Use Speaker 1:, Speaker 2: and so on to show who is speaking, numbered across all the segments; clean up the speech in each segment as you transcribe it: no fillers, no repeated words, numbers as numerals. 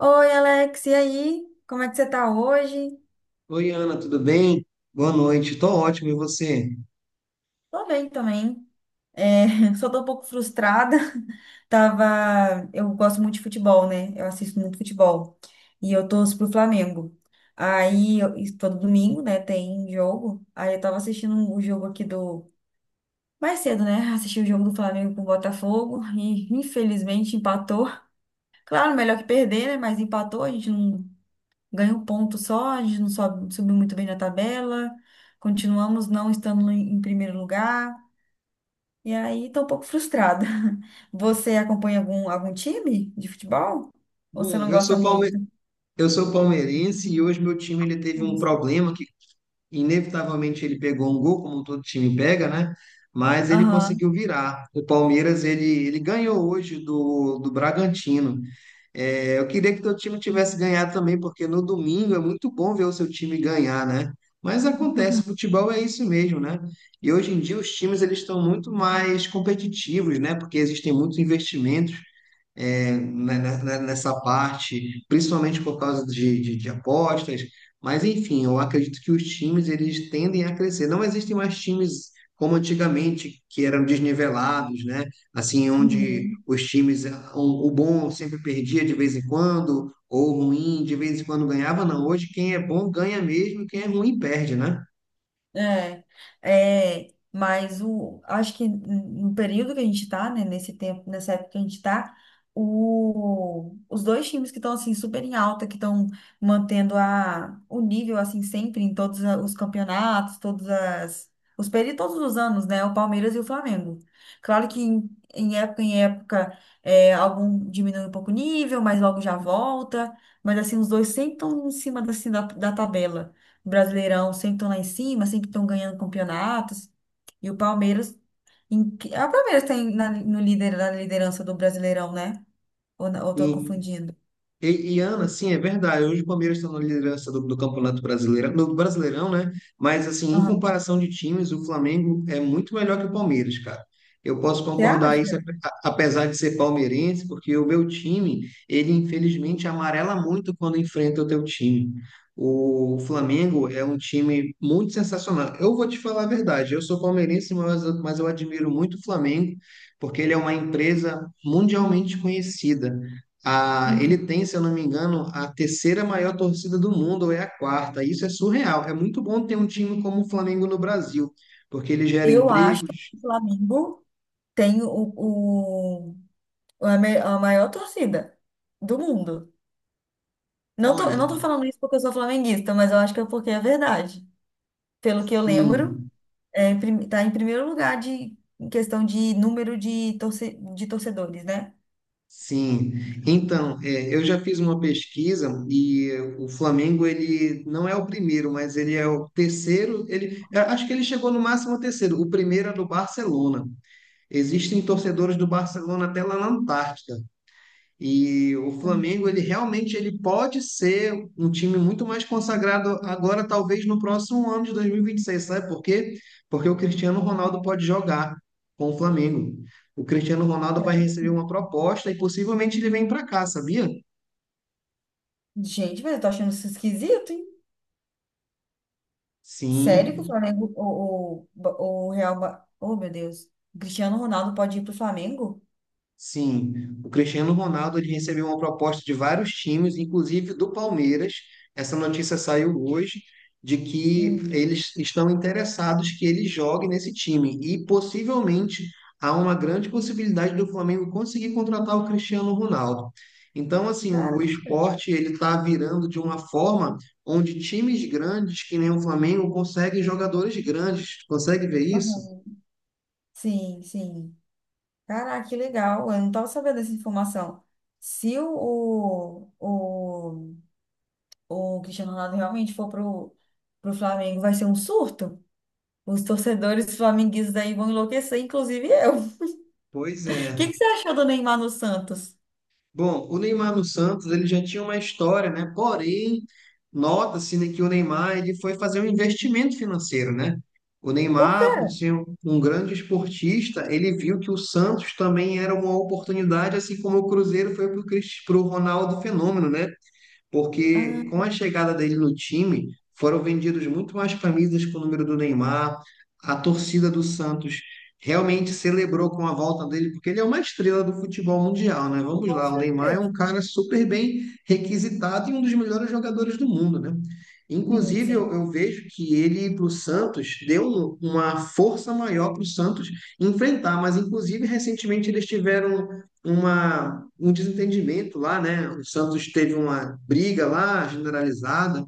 Speaker 1: Oi, Alex, e aí? Como é que você tá hoje?
Speaker 2: Oi, Ana, tudo bem? Boa noite. Tô ótimo, e você?
Speaker 1: Tô bem também. Só tô um pouco frustrada. Eu gosto muito de futebol, né? Eu assisto muito futebol. E eu torço pro Flamengo. E todo domingo, né, tem jogo. Aí eu tava assistindo o jogo aqui do mais cedo, né? Assisti o jogo do Flamengo com o Botafogo e infelizmente empatou. Claro, melhor que perder, né? Mas empatou, a gente não ganha um ponto só. A gente não sobe, subiu muito bem na tabela, continuamos não estando em primeiro lugar, e aí tô um pouco frustrada. Você acompanha algum time de futebol? Ou você
Speaker 2: Bom,
Speaker 1: não gosta muito?
Speaker 2: eu sou palmeirense e hoje meu time ele teve um
Speaker 1: Nossa.
Speaker 2: problema que inevitavelmente ele pegou um gol, como todo time pega, né? Mas ele
Speaker 1: Aham.
Speaker 2: conseguiu virar. O Palmeiras ele ganhou hoje do Bragantino. É, eu queria que teu time tivesse ganhado também, porque no domingo é muito bom ver o seu time ganhar, né? Mas acontece, futebol é isso mesmo, né? E hoje em dia os times eles estão muito mais competitivos, né? Porque existem muitos investimentos nessa parte, principalmente por causa de apostas. Mas, enfim, eu acredito que os times eles tendem a crescer. Não existem mais times como antigamente, que eram desnivelados, né? Assim, onde
Speaker 1: Uhum.
Speaker 2: os times, o bom sempre perdia de vez em quando, ou o ruim de vez em quando ganhava. Não, hoje quem é bom ganha mesmo, quem é ruim perde, né?
Speaker 1: É, mas acho que no período que a gente tá, né, nesse tempo, nessa época que a gente tá, os dois times que estão, assim, super em alta, que estão mantendo o nível, assim, sempre em os campeonatos, os períodos, todos os anos, né, o Palmeiras e o Flamengo. Claro que em, em época, algum diminui um pouco o nível, mas logo já volta, mas, assim, os dois sempre estão em cima, assim, da tabela. Brasileirão sempre estão lá em cima, sempre estão ganhando campeonatos. E o Palmeiras. Ah, o Palmeiras tem no líder, na liderança do Brasileirão, né? Ou, não- ou tô confundindo?
Speaker 2: Ana, sim, é verdade. Hoje o Palmeiras está na liderança do Campeonato Brasileiro, do Brasileirão, né? Mas, assim, em
Speaker 1: Aham.
Speaker 2: comparação de times, o Flamengo é muito melhor que o Palmeiras, cara. Eu posso
Speaker 1: Você
Speaker 2: concordar isso,
Speaker 1: acha?
Speaker 2: apesar de ser palmeirense, porque o meu time, ele infelizmente amarela muito quando enfrenta o teu time. O Flamengo é um time muito sensacional. Eu vou te falar a verdade, eu sou palmeirense, mas eu admiro muito o Flamengo, porque ele é uma empresa mundialmente conhecida. A, ele
Speaker 1: Uhum.
Speaker 2: tem, se eu não me engano, a terceira maior torcida do mundo, ou é a quarta. Isso é surreal. É muito bom ter um time como o Flamengo no Brasil, porque ele gera
Speaker 1: Eu acho que
Speaker 2: empregos.
Speaker 1: o Flamengo tem o, a maior torcida do mundo. Não tô, eu
Speaker 2: Olha,
Speaker 1: não tô falando isso porque eu sou flamenguista, mas eu acho que é porque é verdade. Pelo que eu lembro,
Speaker 2: sim,
Speaker 1: tá em primeiro lugar em questão de número de torcedores, né?
Speaker 2: sim. Então, é, eu já fiz uma pesquisa e o Flamengo, ele não é o primeiro, mas ele é o terceiro. Ele, eu acho que ele chegou no máximo ao terceiro. O primeiro é do Barcelona. Existem torcedores do Barcelona até lá na Antártica. E o Flamengo,
Speaker 1: Uhum.
Speaker 2: ele realmente ele pode ser um time muito mais consagrado agora, talvez no próximo ano de 2026, sabe por quê? Porque o Cristiano Ronaldo pode jogar com o Flamengo. O Cristiano Ronaldo vai receber uma proposta e possivelmente ele vem para cá, sabia?
Speaker 1: Gente, mas eu tô achando isso esquisito, hein? Sério que o
Speaker 2: Sim,
Speaker 1: Flamengo, o Real. Ma- Oh, meu Deus. O Cristiano Ronaldo pode ir pro Flamengo?
Speaker 2: sim, o Cristiano Ronaldo ele recebeu uma proposta de vários times, inclusive do Palmeiras. Essa notícia saiu hoje de que
Speaker 1: Hum.
Speaker 2: eles estão interessados que ele jogue nesse time e possivelmente há uma grande possibilidade do Flamengo conseguir contratar o Cristiano Ronaldo. Então, assim, o
Speaker 1: Caraca.
Speaker 2: esporte ele está virando de uma forma onde times grandes, que nem o Flamengo, conseguem jogadores grandes. Consegue ver isso?
Speaker 1: Uhum. Sim, sim. Caraca, que legal. Eu não tava sabendo dessa informação. Se o Cristiano Ronaldo realmente for pro Flamengo, vai ser um surto? Os torcedores flamenguistas aí vão enlouquecer, inclusive eu.
Speaker 2: Pois
Speaker 1: O que
Speaker 2: é.
Speaker 1: que você achou do Neymar no Santos?
Speaker 2: Bom, o Neymar no Santos, ele já tinha uma história, né? Porém, nota-se, né, que o Neymar ele foi fazer um investimento financeiro, né? O
Speaker 1: Por quê?
Speaker 2: Neymar, por ser um grande esportista, ele viu que o Santos também era uma oportunidade, assim como o Cruzeiro foi para o Ronaldo Fenômeno, né?
Speaker 1: Ah,
Speaker 2: Porque com a chegada dele no time, foram vendidos muito mais camisas com o número do Neymar, a torcida do Santos realmente celebrou com a volta dele, porque ele é uma estrela do futebol mundial, né? Vamos
Speaker 1: com
Speaker 2: lá, o Neymar é
Speaker 1: certeza.
Speaker 2: um cara super bem requisitado e um dos melhores jogadores do mundo, né?
Speaker 1: Sim,
Speaker 2: Inclusive,
Speaker 1: sim.
Speaker 2: eu vejo que ele para o Santos deu uma força maior para o Santos enfrentar, mas inclusive recentemente eles tiveram uma, um desentendimento lá, né? O Santos teve uma briga lá generalizada,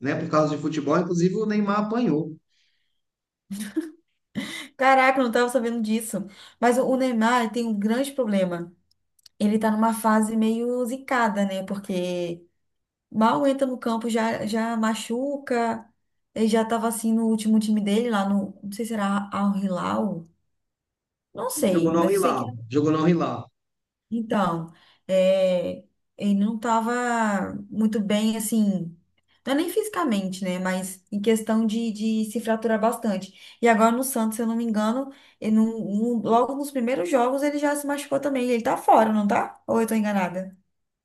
Speaker 2: né? Por causa de futebol, inclusive o Neymar apanhou.
Speaker 1: Caraca, eu não tava sabendo disso. Mas o Neymar ele tem um grande problema. Ele tá numa fase meio zicada, né? Porque mal entra no campo, já machuca. Ele já tava assim no último time dele, lá no. Não sei se era Al Hilal. Não
Speaker 2: Ele jogou
Speaker 1: sei,
Speaker 2: no Al
Speaker 1: mas eu sei que
Speaker 2: Hilal, jogou no Al Hilal.
Speaker 1: então, é, ele não estava muito bem, assim, não é nem fisicamente, né? Mas em questão de se fraturar bastante. E agora no Santos, se eu não me engano, ele logo nos primeiros jogos ele já se machucou também. Ele tá fora, não tá? Ou eu tô enganada?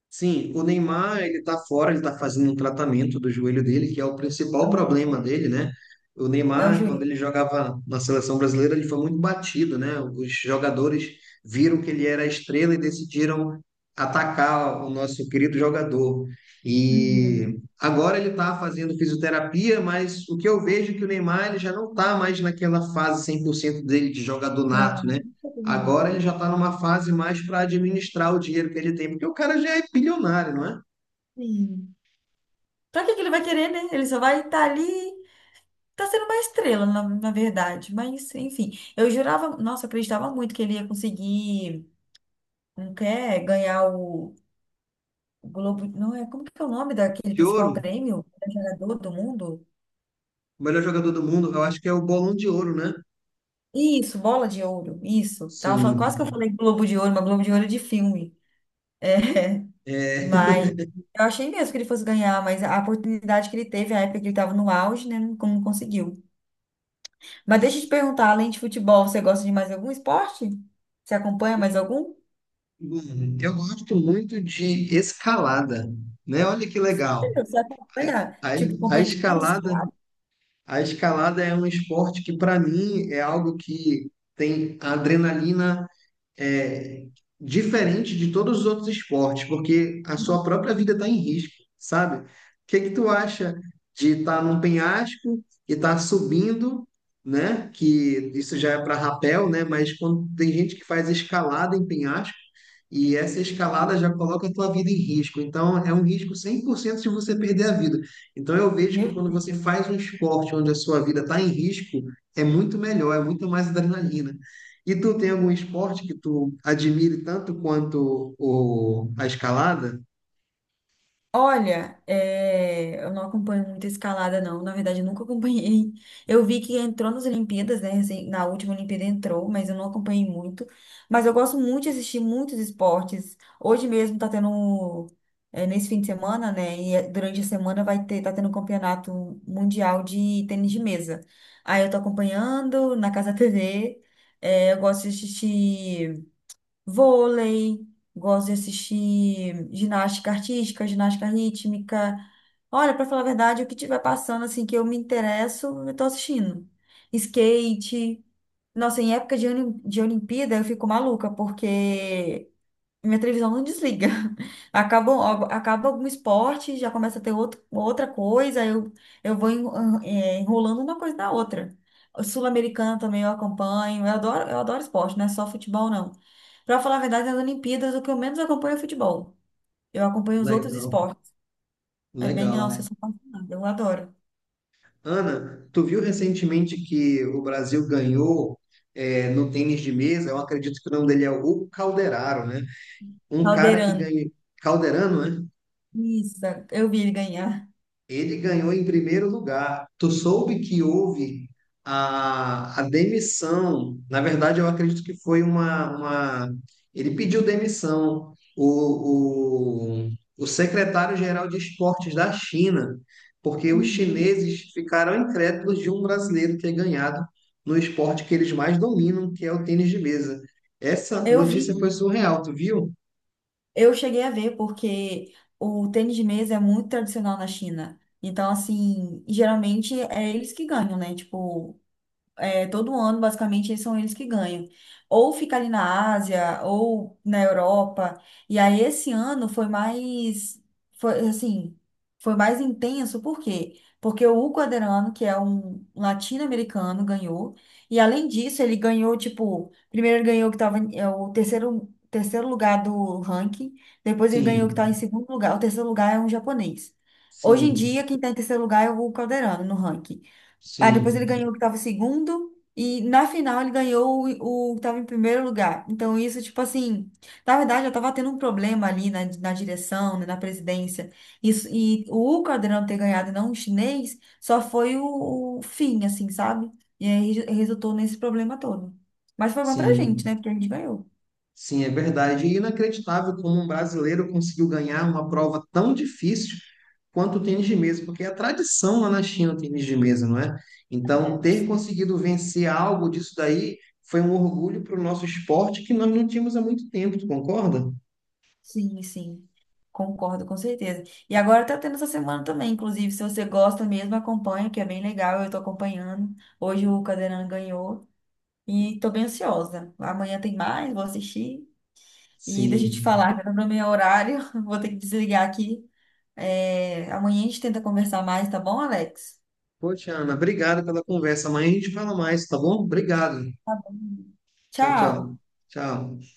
Speaker 2: Sim, o Neymar, ele tá fora, ele tá fazendo um tratamento do joelho dele, que é o principal problema
Speaker 1: Uhum.
Speaker 2: dele, né? O
Speaker 1: É o
Speaker 2: Neymar, quando ele
Speaker 1: joelho.
Speaker 2: jogava na seleção brasileira, ele foi muito batido, né? Os jogadores viram que ele era a estrela e decidiram atacar o nosso querido jogador. E
Speaker 1: Uhum.
Speaker 2: agora ele tá fazendo fisioterapia, mas o que eu vejo é que o Neymar ele já não tá mais naquela fase 100% dele de jogador
Speaker 1: Ah,
Speaker 2: nato,
Speaker 1: não
Speaker 2: né?
Speaker 1: tem problema
Speaker 2: Agora ele
Speaker 1: nenhum.
Speaker 2: já está numa fase mais para administrar o dinheiro que ele tem, porque o cara já é bilionário, não é?
Speaker 1: Sim. Pra que que ele vai querer, né? Ele só vai estar ali. Tá sendo uma estrela, na verdade. Mas, enfim, eu jurava, nossa, eu acreditava muito que ele ia conseguir, não quer ganhar o Globo, não é, como que é o nome daquele
Speaker 2: De
Speaker 1: principal
Speaker 2: ouro,
Speaker 1: prêmio? Jogador do mundo?
Speaker 2: o melhor jogador do mundo, eu acho que é o Bolão de Ouro, né?
Speaker 1: Isso, bola de ouro, isso. Quase que eu
Speaker 2: Sim.
Speaker 1: falei Globo de Ouro, mas Globo de Ouro é de filme. É,
Speaker 2: É,
Speaker 1: mas eu achei mesmo que ele fosse ganhar, mas a oportunidade que ele teve, a época que ele estava no auge, né, não conseguiu. Mas deixa eu te perguntar, além de futebol, você gosta de mais algum esporte? Você acompanha mais algum?
Speaker 2: eu gosto muito de escalada, né? Olha que legal.
Speaker 1: Você acompanha,
Speaker 2: A,
Speaker 1: tipo,
Speaker 2: a
Speaker 1: competição dos
Speaker 2: escalada,
Speaker 1: caras?
Speaker 2: a escalada é um esporte que para mim é algo que tem adrenalina é, diferente de todos os outros esportes, porque a sua própria
Speaker 1: Uhum.
Speaker 2: vida está em risco, sabe? O que que tu acha de estar num penhasco e estar subindo, né? Que isso já é para rapel, né? Mas quando tem gente que faz escalada em penhasco e essa escalada já coloca a tua vida em risco. Então é um risco 100% de você perder a vida. Então eu vejo que
Speaker 1: Meu
Speaker 2: quando
Speaker 1: Deus.
Speaker 2: você faz um esporte onde a sua vida está em risco, é muito melhor, é muito mais adrenalina. E tu tem algum esporte que tu admire tanto quanto a escalada?
Speaker 1: Olha, eu não acompanho muito escalada, não. Na verdade, eu nunca acompanhei. Eu vi que entrou nas Olimpíadas, né? Recém- na última Olimpíada entrou, mas eu não acompanhei muito. Mas eu gosto muito de assistir muitos esportes. Hoje mesmo tá tendo, nesse fim de semana, né? E é- durante a semana vai ter, tá tendo um campeonato mundial de tênis de mesa. Aí eu tô acompanhando na Casa TV. É, eu gosto de assistir. Vôlei, gosto de assistir ginástica artística, ginástica rítmica. Olha, para falar a verdade, o que tiver passando assim que eu me interesso, eu tô assistindo. Skate. Nossa, em época de Olimpíada eu fico maluca, porque minha televisão não desliga. Acaba algum esporte, já começa a ter outro, outra coisa, eu vou enrolando uma coisa na outra. O Sul-Americana também eu acompanho, eu adoro esporte, não é só futebol, não. Pra falar a verdade, nas Olimpíadas, o que eu menos acompanho é futebol. Eu acompanho os outros
Speaker 2: Legal,
Speaker 1: esportes. É bem,
Speaker 2: legal.
Speaker 1: nossa, eu
Speaker 2: Né?
Speaker 1: sou apaixonada, eu adoro.
Speaker 2: Ana, tu viu recentemente que o Brasil ganhou no tênis de mesa? Eu acredito que o nome dele é o Calderaro, né? Um cara que
Speaker 1: Caldeirante.
Speaker 2: ganhou. Calderano, né?
Speaker 1: Isso, eu vi ele ganhar.
Speaker 2: Ele ganhou em primeiro lugar. Tu soube que houve a demissão. Na verdade, eu acredito que foi uma... Ele pediu demissão. O secretário-geral de esportes da China, porque os
Speaker 1: Uhum.
Speaker 2: chineses ficaram incrédulos de um brasileiro ter ganhado no esporte que eles mais dominam, que é o tênis de mesa. Essa
Speaker 1: Eu
Speaker 2: notícia foi
Speaker 1: vi.
Speaker 2: surreal, tu viu?
Speaker 1: Eu cheguei a ver porque o tênis de mesa é muito tradicional na China. Então, assim, geralmente é eles que ganham, né? Tipo, todo ano, basicamente, eles que ganham. Ou fica ali na Ásia, ou na Europa. E aí, esse ano foi, assim, foi mais intenso, por quê? Porque o Quaderano, que é um latino-americano, ganhou. E além disso, ele ganhou, tipo, primeiro ele ganhou que tava é o terceiro, terceiro lugar do ranking, depois ele ganhou que estava em
Speaker 2: Sim,
Speaker 1: segundo lugar. O terceiro lugar é um japonês. Hoje em
Speaker 2: sim,
Speaker 1: dia, quem está em terceiro lugar é o Calderano no ranking. Ah, depois ele
Speaker 2: sim,
Speaker 1: ganhou o que tava segundo. E na final ele ganhou o que tava em primeiro lugar. Então, isso, tipo assim, na verdade, eu tava tendo um problema ali na direção, né, na presidência. Isso, e o Caldeirão ter ganhado e não o chinês só foi o fim, assim, sabe? E aí resultou nesse problema todo. Mas foi bom pra gente,
Speaker 2: sim.
Speaker 1: né? Porque a gente ganhou.
Speaker 2: Sim, é verdade. E inacreditável como um brasileiro conseguiu ganhar uma prova tão difícil quanto o tênis de mesa, porque é a tradição lá na China o tênis de mesa, não é? Então, ter conseguido vencer algo disso daí foi um orgulho para o nosso esporte que nós não tínhamos há muito tempo, tu concorda?
Speaker 1: Sim, sim. Concordo, com certeza. E agora tá tendo essa semana também, inclusive, se você gosta mesmo, acompanha, que é bem legal, eu tô acompanhando. Hoje o Cadeirão ganhou e tô bem ansiosa. Amanhã tem mais, vou assistir. E deixa eu te
Speaker 2: Sim.
Speaker 1: falar, tá no meu horário, vou ter que desligar aqui. É, amanhã a gente tenta conversar mais, tá bom, Alex?
Speaker 2: Poxa, Ana, obrigado pela conversa. Amanhã a gente fala mais, tá bom? Obrigado. Tchau, tchau.
Speaker 1: Tchau!
Speaker 2: Tchau.